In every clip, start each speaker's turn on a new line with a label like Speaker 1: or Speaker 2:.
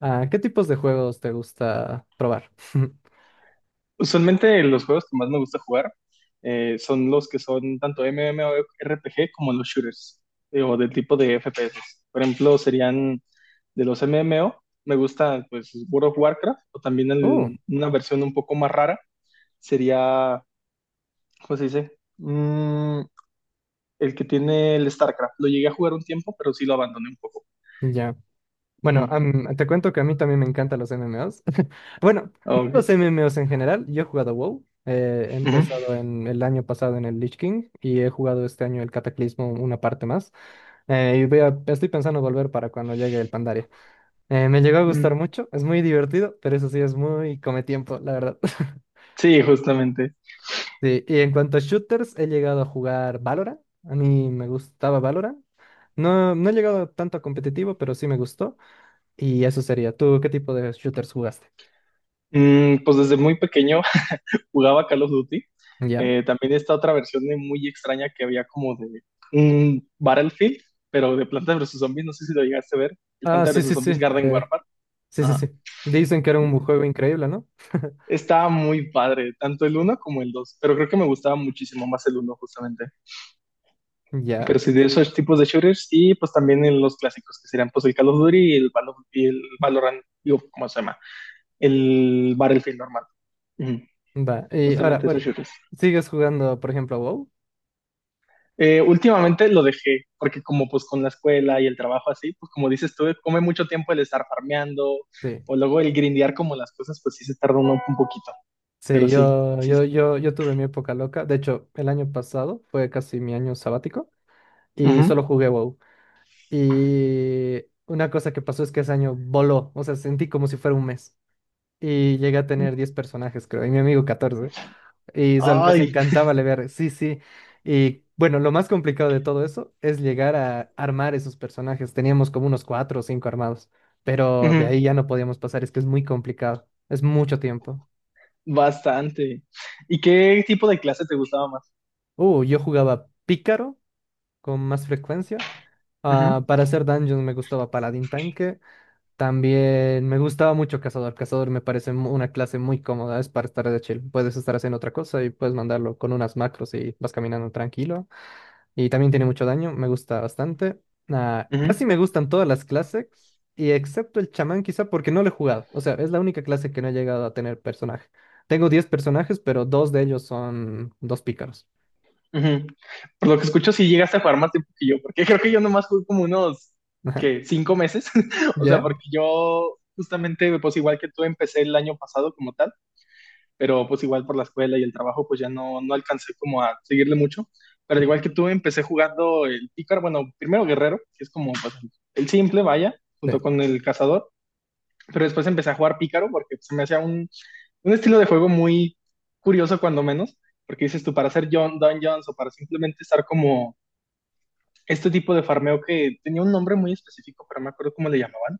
Speaker 1: Ah, ¿qué tipos de juegos te gusta probar?
Speaker 2: Usualmente los juegos que más me gusta jugar son los que son tanto MMORPG como los shooters o del tipo de FPS. Por ejemplo, serían de los MMO, me gusta pues World of Warcraft o también
Speaker 1: Uh,
Speaker 2: una versión un poco más rara sería, ¿cómo se dice? Mm, el que tiene el StarCraft. Lo llegué a jugar un tiempo, pero sí lo abandoné un poco.
Speaker 1: ya.
Speaker 2: Ujú.
Speaker 1: Bueno, te cuento que a mí también me encantan los MMOs. Bueno,
Speaker 2: Ah,
Speaker 1: no los
Speaker 2: ok.
Speaker 1: MMOs en general. Yo he jugado WoW. He
Speaker 2: Ujú.
Speaker 1: empezado en el año pasado en el Lich King y he jugado este año el Cataclismo una parte más. Y estoy pensando volver para cuando llegue el Pandaria. Me llegó a gustar
Speaker 2: Mm.
Speaker 1: mucho, es muy divertido, pero eso sí es muy come tiempo, la verdad.
Speaker 2: Sí, justamente.
Speaker 1: Sí, y en cuanto a shooters, he llegado a jugar Valorant. A mí me gustaba Valorant. No, no he llegado tanto a competitivo, pero sí me gustó. Y eso sería. ¿Tú qué tipo de shooters jugaste?
Speaker 2: Mm, pues desde muy pequeño jugaba Call of Duty.
Speaker 1: ¿Ya?
Speaker 2: También esta otra versión de muy extraña que había como de un Battlefield, pero de Planta versus Zombies, no sé si lo llegaste a ver, el
Speaker 1: Ah,
Speaker 2: Planta
Speaker 1: sí,
Speaker 2: versus
Speaker 1: sí, sí.
Speaker 2: Zombies Garden
Speaker 1: eh,
Speaker 2: Warfare.
Speaker 1: sí, sí,
Speaker 2: Ajá.
Speaker 1: sí. Dicen que era un
Speaker 2: Ujú.
Speaker 1: juego increíble, ¿no?
Speaker 2: Estaba muy padre, tanto el uno como el 2, pero creo que me gustaba muchísimo más el uno justamente.
Speaker 1: Ya,
Speaker 2: Pero sí, de esos tipos de shooters y pues también en los clásicos que serían pues el Call of Duty y el Valorant, digo, ¿cómo se llama? El Battlefield normal. Ujú.
Speaker 1: va. Y ahora,
Speaker 2: Justamente esos
Speaker 1: bueno,
Speaker 2: shooters.
Speaker 1: ¿sigues jugando, por ejemplo, WoW?
Speaker 2: Últimamente lo dejé, porque como pues con la escuela y el trabajo así, pues como dices tú, come mucho tiempo el estar farmeando,
Speaker 1: Sí.
Speaker 2: o luego el grindear como las cosas, pues sí se tarda uno un poquito, pero
Speaker 1: Sí, yo, yo,
Speaker 2: sí.
Speaker 1: yo, yo tuve mi época loca. De hecho, el año pasado fue casi mi año sabático y
Speaker 2: Ujú.
Speaker 1: solo jugué WoW. Y una cosa que pasó es que ese año voló. O sea, sentí como si fuera un mes. Y llegué a tener 10 personajes, creo, y mi amigo catorce. Nos
Speaker 2: Ay,
Speaker 1: encantaba leer, sí, sí. Y bueno, lo más complicado de todo eso es llegar a armar esos personajes. Teníamos como unos cuatro o cinco armados, pero de ahí
Speaker 2: ujú,
Speaker 1: ya no podíamos pasar, es que es muy complicado, es mucho tiempo.
Speaker 2: bastante. ¿Y qué tipo de clase te gustaba más?
Speaker 1: Yo jugaba pícaro con más frecuencia. Ah,
Speaker 2: Ujú,
Speaker 1: para hacer dungeons me gustaba paladín tanque. También me gustaba mucho cazador. Cazador me parece una clase muy cómoda, es para estar de chill. Puedes estar haciendo otra cosa y puedes mandarlo con unas macros y vas caminando tranquilo. Y también tiene mucho daño, me gusta bastante. Ah, casi
Speaker 2: ujú,
Speaker 1: me gustan todas las clases, y excepto el chamán quizá porque no lo he jugado. O sea, es la única clase que no he llegado a tener personaje. Tengo 10 personajes, pero dos de ellos son dos pícaros.
Speaker 2: ujú. Por lo que escucho, sí llegaste a jugar más tiempo que yo, porque creo que yo nomás jugué como unos,
Speaker 1: Ajá.
Speaker 2: ¿qué? ¿Cinco meses? O sea,
Speaker 1: ¿Ya?
Speaker 2: porque yo justamente, pues igual que tú, empecé el año pasado como tal. Pero pues igual por la escuela y el trabajo pues ya no, no alcancé como a seguirle mucho. Pero al igual que tú, empecé jugando el pícaro, bueno, primero guerrero, que es como pues, el simple, vaya, junto
Speaker 1: Sí.
Speaker 2: con el cazador, pero después empecé a jugar pícaro porque se me hacía un estilo de juego muy curioso cuando menos, porque dices tú, para hacer John Dungeons o para simplemente estar como este tipo de farmeo que tenía un nombre muy específico, pero no me acuerdo cómo le llamaban.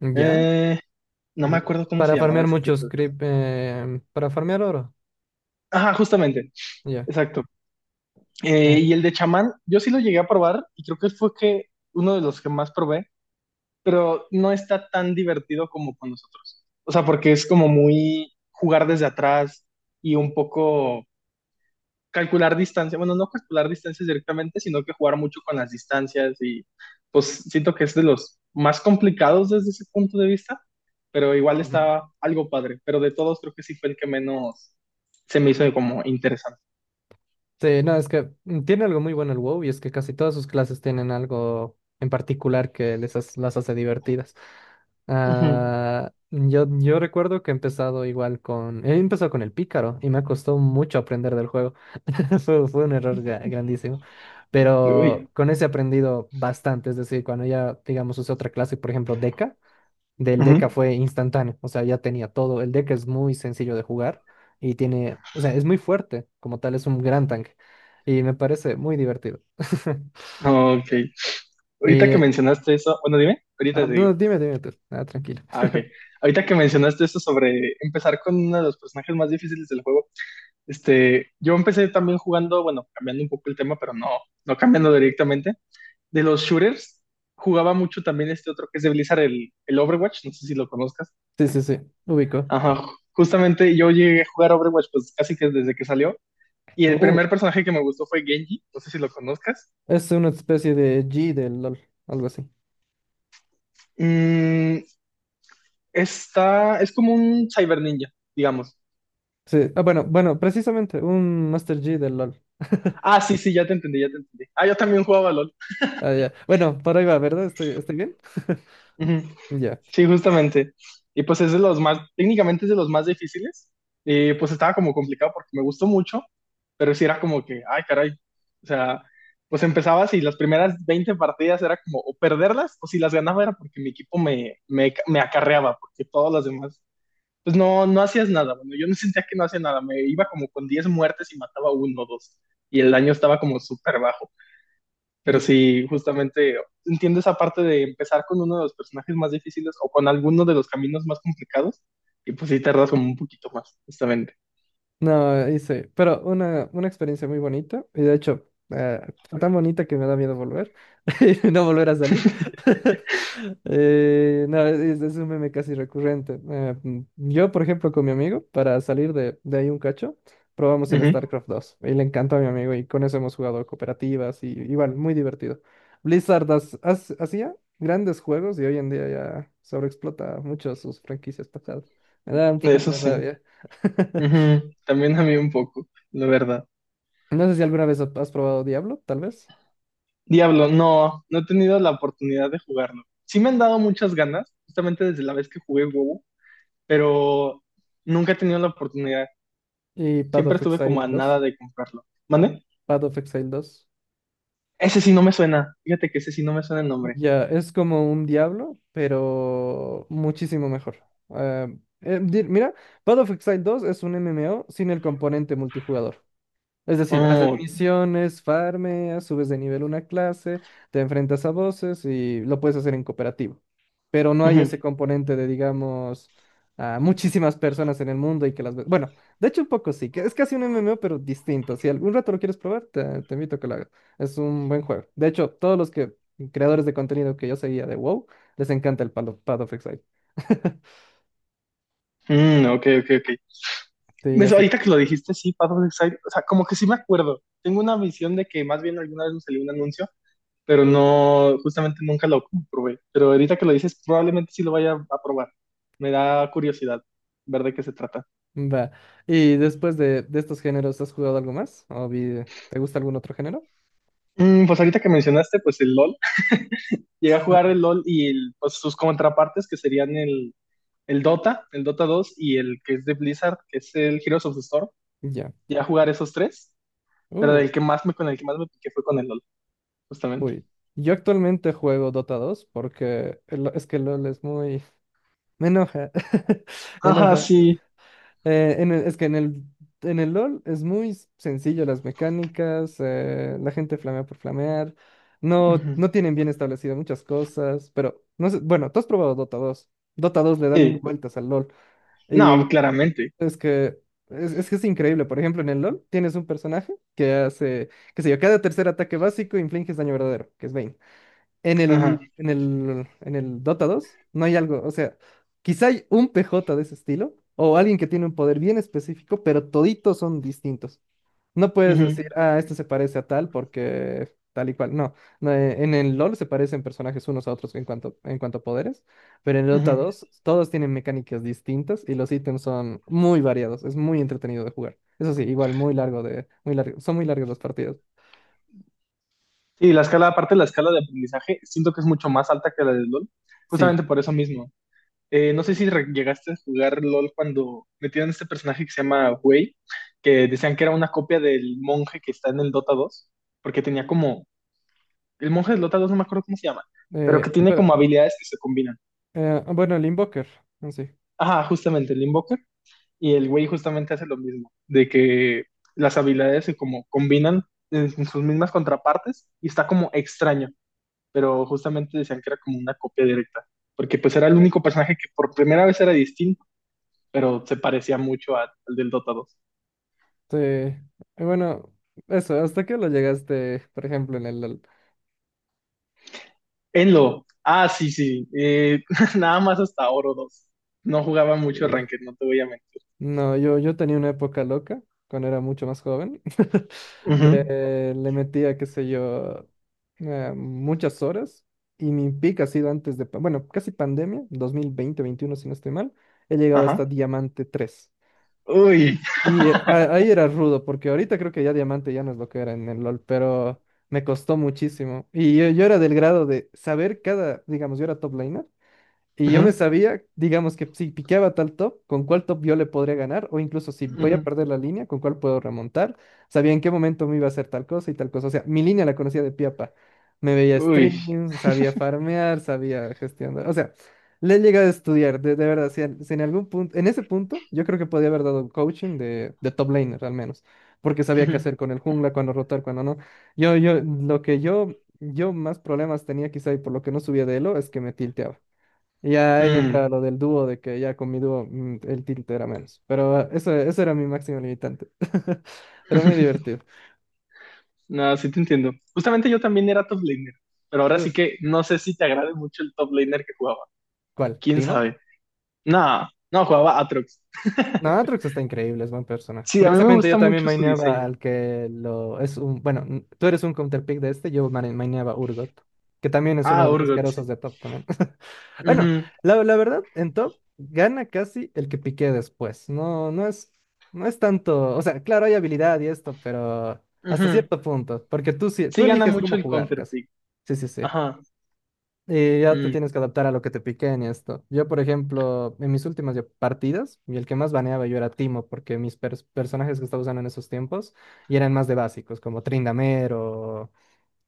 Speaker 1: ¿Ya?
Speaker 2: Eh, no me acuerdo cómo se
Speaker 1: Para
Speaker 2: llamaba
Speaker 1: farmear
Speaker 2: ese
Speaker 1: muchos
Speaker 2: tipo de
Speaker 1: creep,
Speaker 2: farmeo.
Speaker 1: para farmear oro.
Speaker 2: Ajá, justamente,
Speaker 1: Ya.
Speaker 2: exacto.
Speaker 1: Eh,
Speaker 2: Y el de chamán, yo sí lo llegué a probar y creo que fue que uno de los que más probé, pero no está tan divertido como con nosotros. O sea, porque es como muy jugar desde atrás y un poco calcular distancia. Bueno, no calcular distancias directamente, sino que jugar mucho con las distancias y pues siento que es de los más complicados desde ese punto de vista, pero igual
Speaker 1: Ujú.
Speaker 2: está algo padre. Pero de todos creo que sí fue el que menos se me hizo como interesante.
Speaker 1: Sí, no, es que tiene algo muy bueno el WoW y es que casi todas sus clases tienen algo en particular que las hace divertidas.
Speaker 2: Ujú.
Speaker 1: Ah, yo recuerdo que he empezado igual con... He empezado con el pícaro y me costó mucho aprender del juego. Fue un error grandísimo. Pero
Speaker 2: Uy.
Speaker 1: con ese he aprendido bastante. Es decir, cuando ya, digamos, usé otra clase, por ejemplo, Deca, del Deca
Speaker 2: Ujú.
Speaker 1: fue instantáneo, o sea, ya tenía todo. El Deca es muy sencillo de jugar y tiene, o sea, es muy fuerte, como tal, es un gran tanque y me parece muy divertido.
Speaker 2: Ok. Ahorita que
Speaker 1: Y,
Speaker 2: mencionaste eso, bueno, dime, ahorita
Speaker 1: ah,
Speaker 2: te digo.
Speaker 1: no, dime, ah, tranquilo.
Speaker 2: Ah, ok. Ahorita que mencionaste eso sobre empezar con uno de los personajes más difíciles del juego, este, yo empecé también jugando, bueno, cambiando un poco el tema, pero no, no cambiando directamente. De los shooters, jugaba mucho también este otro que es de Blizzard, el Overwatch, no sé si lo conozcas.
Speaker 1: Sí, sí, sí, ubico.
Speaker 2: Ajá, justamente yo llegué a jugar Overwatch pues casi que desde que salió. Y el
Speaker 1: Uh,
Speaker 2: primer personaje que me gustó fue Genji, no sé si lo conozcas.
Speaker 1: es una especie de G del LOL, algo así.
Speaker 2: Mm, está, es como un cyber ninja, digamos.
Speaker 1: Sí, ah, bueno, bueno, precisamente, un Master G del LOL.
Speaker 2: Ah, ya te entendí, Ah, yo también jugaba LOL.
Speaker 1: Ah, ya. Bueno, por ahí va, ¿verdad? Estoy bien?
Speaker 2: Ujú.
Speaker 1: Ya.
Speaker 2: Sí, justamente. Y pues es de los más, técnicamente es de los más difíciles. Y pues estaba como complicado porque me gustó mucho, pero sí era como que, ay, caray. O sea, pues empezabas y las primeras 20 partidas era como o perderlas o si las ganaba era porque mi equipo me acarreaba, porque todas las demás, pues no, no hacías nada. Bueno, yo no sentía que no hacía nada, me iba como con 10 muertes y mataba uno o dos. Y el daño estaba como súper bajo. Pero sí, justamente entiendo esa parte de empezar con uno de los personajes más difíciles o con alguno de los caminos más complicados y pues sí tardas como un poquito más, justamente.
Speaker 1: No, hice, pero una experiencia muy bonita, y de hecho, eh, fue tan bonita que me da miedo volver, y no volver a salir. No, es un meme casi recurrente. Yo, por ejemplo, con mi amigo, para salir de ahí un cacho, probamos el
Speaker 2: Ujú.
Speaker 1: StarCraft 2 y le encantó a mi amigo, y con eso hemos jugado cooperativas, y igual, muy divertido. Blizzard hacía grandes juegos, y hoy en día ya sobreexplota mucho sus franquicias pasadas. Me da un poquito
Speaker 2: Eso
Speaker 1: de
Speaker 2: sí.
Speaker 1: rabia.
Speaker 2: Ujú. También a mí un poco, la verdad.
Speaker 1: No sé si alguna vez has probado Diablo, tal vez.
Speaker 2: Diablo, no, no he tenido la oportunidad de jugarlo. Sí me han dado muchas ganas, justamente desde la vez que jugué WoW, pero nunca he tenido la oportunidad.
Speaker 1: Y Path
Speaker 2: Siempre
Speaker 1: of
Speaker 2: estuve
Speaker 1: Exile
Speaker 2: como a nada
Speaker 1: dos
Speaker 2: de comprarlo. ¿Mande?
Speaker 1: Path of Exile 2,
Speaker 2: Ese sí no me suena. Fíjate que ese sí no me suena el nombre.
Speaker 1: ya, es como un Diablo, pero muchísimo mejor. Ah, mira, Path of Exile 2 es un MMO sin el componente multijugador. Es decir, haces
Speaker 2: Oh, ok.
Speaker 1: misiones, farmeas, subes de nivel una clase, te enfrentas a voces y lo puedes hacer en cooperativo. Pero no hay ese
Speaker 2: Ujú.
Speaker 1: componente de, digamos, a muchísimas personas en el mundo y que las ves. Bueno, de hecho un poco sí, que es casi un MMO, pero distinto. Si algún rato lo quieres probar, te invito a que lo hagas. Es un buen juego. De hecho, todos los que creadores de contenido que yo seguía de WoW, les encanta el Path of Exile.
Speaker 2: Mm, ok,
Speaker 1: Sí, así.
Speaker 2: Ahorita que lo dijiste, sí, Path of Exile, o sea, como que sí me acuerdo. Tengo una visión de que más bien alguna vez me salió un anuncio, pero no, justamente nunca lo comprobé. Pero ahorita que lo dices, probablemente sí lo vaya a probar. Me da curiosidad ver de qué se trata.
Speaker 1: Va. Y después de estos géneros, ¿has jugado algo más? ¿O te gusta algún otro género?
Speaker 2: Mm, pues ahorita que mencionaste, pues el LOL. Llegué a jugar
Speaker 1: Sí.
Speaker 2: el LOL y pues sus contrapartes, que serían el Dota dos y el que es de Blizzard, que es el Heroes of the Storm.
Speaker 1: Ya.
Speaker 2: Llegué a jugar esos tres, pero
Speaker 1: Uh,
Speaker 2: el que más me, con el que más me piqué fue con el LOL, justamente.
Speaker 1: uy. Yo actualmente juego Dota 2 porque es que LOL es muy... Me enoja.
Speaker 2: Ajá,
Speaker 1: Enoja.
Speaker 2: sí.
Speaker 1: En el- es que en el LOL es muy sencillo las mecánicas, la gente flamea por flamear,
Speaker 2: Ujú.
Speaker 1: no tienen bien establecidas muchas cosas, pero no sé, bueno, tú has probado Dota 2. Dota dos le da mil
Speaker 2: Sí.
Speaker 1: vueltas al LOL.
Speaker 2: No, claramente.
Speaker 1: Es que es increíble. Por ejemplo, en el LoL tienes un personaje que hace, qué sé yo, cada tercer ataque básico infliges daño verdadero, que es Vayne. En el,
Speaker 2: Ajá.
Speaker 1: en el, en el Dota 2 no hay algo, o sea, quizá hay un PJ de ese estilo o alguien que tiene un poder bien específico, pero toditos son distintos. No puedes decir,
Speaker 2: Ujú.
Speaker 1: ah, este se parece a tal porque tal y cual. No, no, en el LoL se parecen personajes unos a otros en cuanto a poderes, pero en el Dota
Speaker 2: Ujú.
Speaker 1: dos todos tienen mecánicas distintas y los ítems son muy variados. Es muy entretenido de jugar. Eso sí, igual muy muy largo, son muy largas las partidas.
Speaker 2: Sí, la escala, aparte de la escala de aprendizaje, siento que es mucho más alta que la del LOL,
Speaker 1: Sí.
Speaker 2: justamente por eso mismo. No sé si llegaste a jugar LOL cuando metieron este personaje que se llama Wei, que decían que era una copia del monje que está en el Dota dos porque tenía como, el monje del Dota dos no me acuerdo cómo se llama, pero que tiene
Speaker 1: Pero,
Speaker 2: como habilidades que se combinan.
Speaker 1: bueno, el Invoker, en sí.
Speaker 2: Ajá, justamente, le. Y el güey justamente hace lo mismo, de que las habilidades se como combinan en sus mismas contrapartes y está como extraño, pero justamente decían que era como una copia directa, porque pues era el único personaje que por primera vez era distinto, pero se parecía mucho al del Dota dos.
Speaker 1: Te- bueno, eso, ¿hasta qué lo llegaste, por ejemplo, en el LoL?
Speaker 2: Enlo, ah, nada más hasta Oro dos. No jugaba mucho Ranked, no te voy a mentir.
Speaker 1: No, yo tenía una época loca cuando era mucho más joven,
Speaker 2: Ujú.
Speaker 1: que le metía, qué sé yo, muchas horas y mi pico ha sido antes de, bueno, casi pandemia, 2020 2021 si no estoy mal, he llegado hasta
Speaker 2: Ajá.
Speaker 1: Diamante 3.
Speaker 2: Uy.
Speaker 1: Y ahí era rudo, porque ahorita creo que ya Diamante ya no es lo que era en el LOL, pero me costó muchísimo. Y yo era del grado de saber cada, digamos, yo era top laner. Y yo me
Speaker 2: Ujú,
Speaker 1: sabía, digamos que si piqueaba tal top, con cuál top yo le podría ganar, o incluso si voy a
Speaker 2: ujú.
Speaker 1: perder la línea, con cuál puedo remontar. Sabía en qué momento me iba a hacer tal cosa y tal cosa. O sea, mi línea la conocía de piapa. Me veía
Speaker 2: Uy.
Speaker 1: streams, sabía farmear, sabía gestionar. O sea, le he llegado a estudiar, de verdad. Si en algún punto, en ese punto, yo creo que podía haber dado coaching de top laner al menos, porque sabía qué hacer con el jungla, cuándo rotar, cuándo no. Yo, lo que yo más problemas tenía quizá y por lo que no subía de elo es que me tilteaba. Y ya ahí
Speaker 2: Ujú.
Speaker 1: entra lo del dúo, de que ya con mi dúo el tilt era menos. Pero eso era mi máximo limitante. Pero muy
Speaker 2: Mm.
Speaker 1: divertido.
Speaker 2: No, sí te entiendo. Justamente yo también era top laner, pero ahora
Speaker 1: Uh,
Speaker 2: sí que no sé si te agrade mucho el top laner que jugaba.
Speaker 1: ¿Cuál?
Speaker 2: ¿Quién
Speaker 1: ¿Timo?
Speaker 2: sabe? No, no, jugaba Atrox.
Speaker 1: No, Aatrox está increíble, es buen personaje.
Speaker 2: Sí, a mí me
Speaker 1: Curiosamente,
Speaker 2: gusta
Speaker 1: yo también
Speaker 2: mucho su
Speaker 1: maineaba
Speaker 2: diseño.
Speaker 1: al que lo es un. Bueno, tú eres un counterpick de este, yo maineaba Urgot, que también es uno
Speaker 2: Ah,
Speaker 1: de los
Speaker 2: Urgot,
Speaker 1: asquerosos
Speaker 2: sí.
Speaker 1: de top también. Bueno,
Speaker 2: Ujú,
Speaker 1: la verdad, en top gana casi el que piqué después. No es tanto. O sea, claro, hay habilidad y esto, pero hasta
Speaker 2: ujú.
Speaker 1: cierto punto. Porque tú sí,
Speaker 2: Sí
Speaker 1: tú
Speaker 2: gana
Speaker 1: eliges cómo
Speaker 2: mucho el
Speaker 1: jugar
Speaker 2: counter
Speaker 1: casi.
Speaker 2: pick.
Speaker 1: Sí, sí, sí.
Speaker 2: Ajá.
Speaker 1: Y ya te
Speaker 2: Mm.
Speaker 1: tienes que adaptar a lo que te piquen y esto. Yo, por ejemplo, en mis últimas ya partidas, y el que más baneaba yo era Timo, porque mis personajes que estaba usando en esos tiempos y eran más de básicos, como Tryndamere o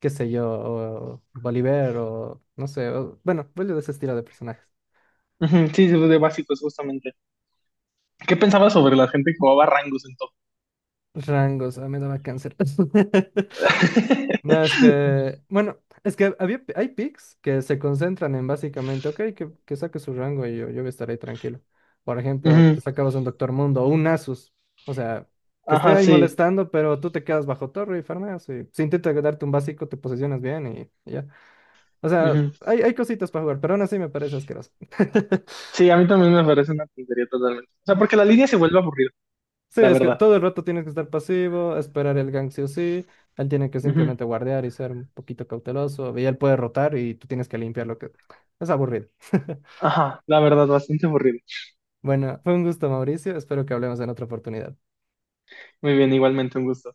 Speaker 1: qué sé yo, o Bolívar o no sé, bueno, vuelvo de ese estilo de personajes.
Speaker 2: Ujú. Sí, de básicos, justamente. ¿Qué pensabas sobre la gente que jugaba Rangos en top?
Speaker 1: Rangos, a mí no me daba cáncer. No, es que, bueno, es que hay picks que se concentran en básicamente, ok, que saque su rango y yo estaré tranquilo. Por ejemplo,
Speaker 2: Ujú.
Speaker 1: te sacabas un Doctor Mundo o un Asus, o sea, que esté
Speaker 2: Ajá,
Speaker 1: ahí
Speaker 2: sí.
Speaker 1: molestando, pero tú te quedas bajo torre y farmeas. Y si intenta darte un básico, te posicionas bien y ya. O sea,
Speaker 2: Ujú.
Speaker 1: hay cositas para jugar, pero aún así me parece asqueroso.
Speaker 2: Sí, a mí también me parece una tontería totalmente. O sea, porque la línea se vuelve aburrida,
Speaker 1: Sí,
Speaker 2: la
Speaker 1: es que
Speaker 2: verdad.
Speaker 1: todo el rato tienes que estar pasivo, esperar el gank sí o sí. Él tiene que simplemente guardear y ser un poquito cauteloso. Y él puede rotar y tú tienes que limpiar lo que... Es aburrido.
Speaker 2: Ajá, la verdad, bastante aburrido.
Speaker 1: Bueno, fue un gusto, Mauricio. Espero que hablemos en otra oportunidad.
Speaker 2: Muy bien, igualmente un gusto.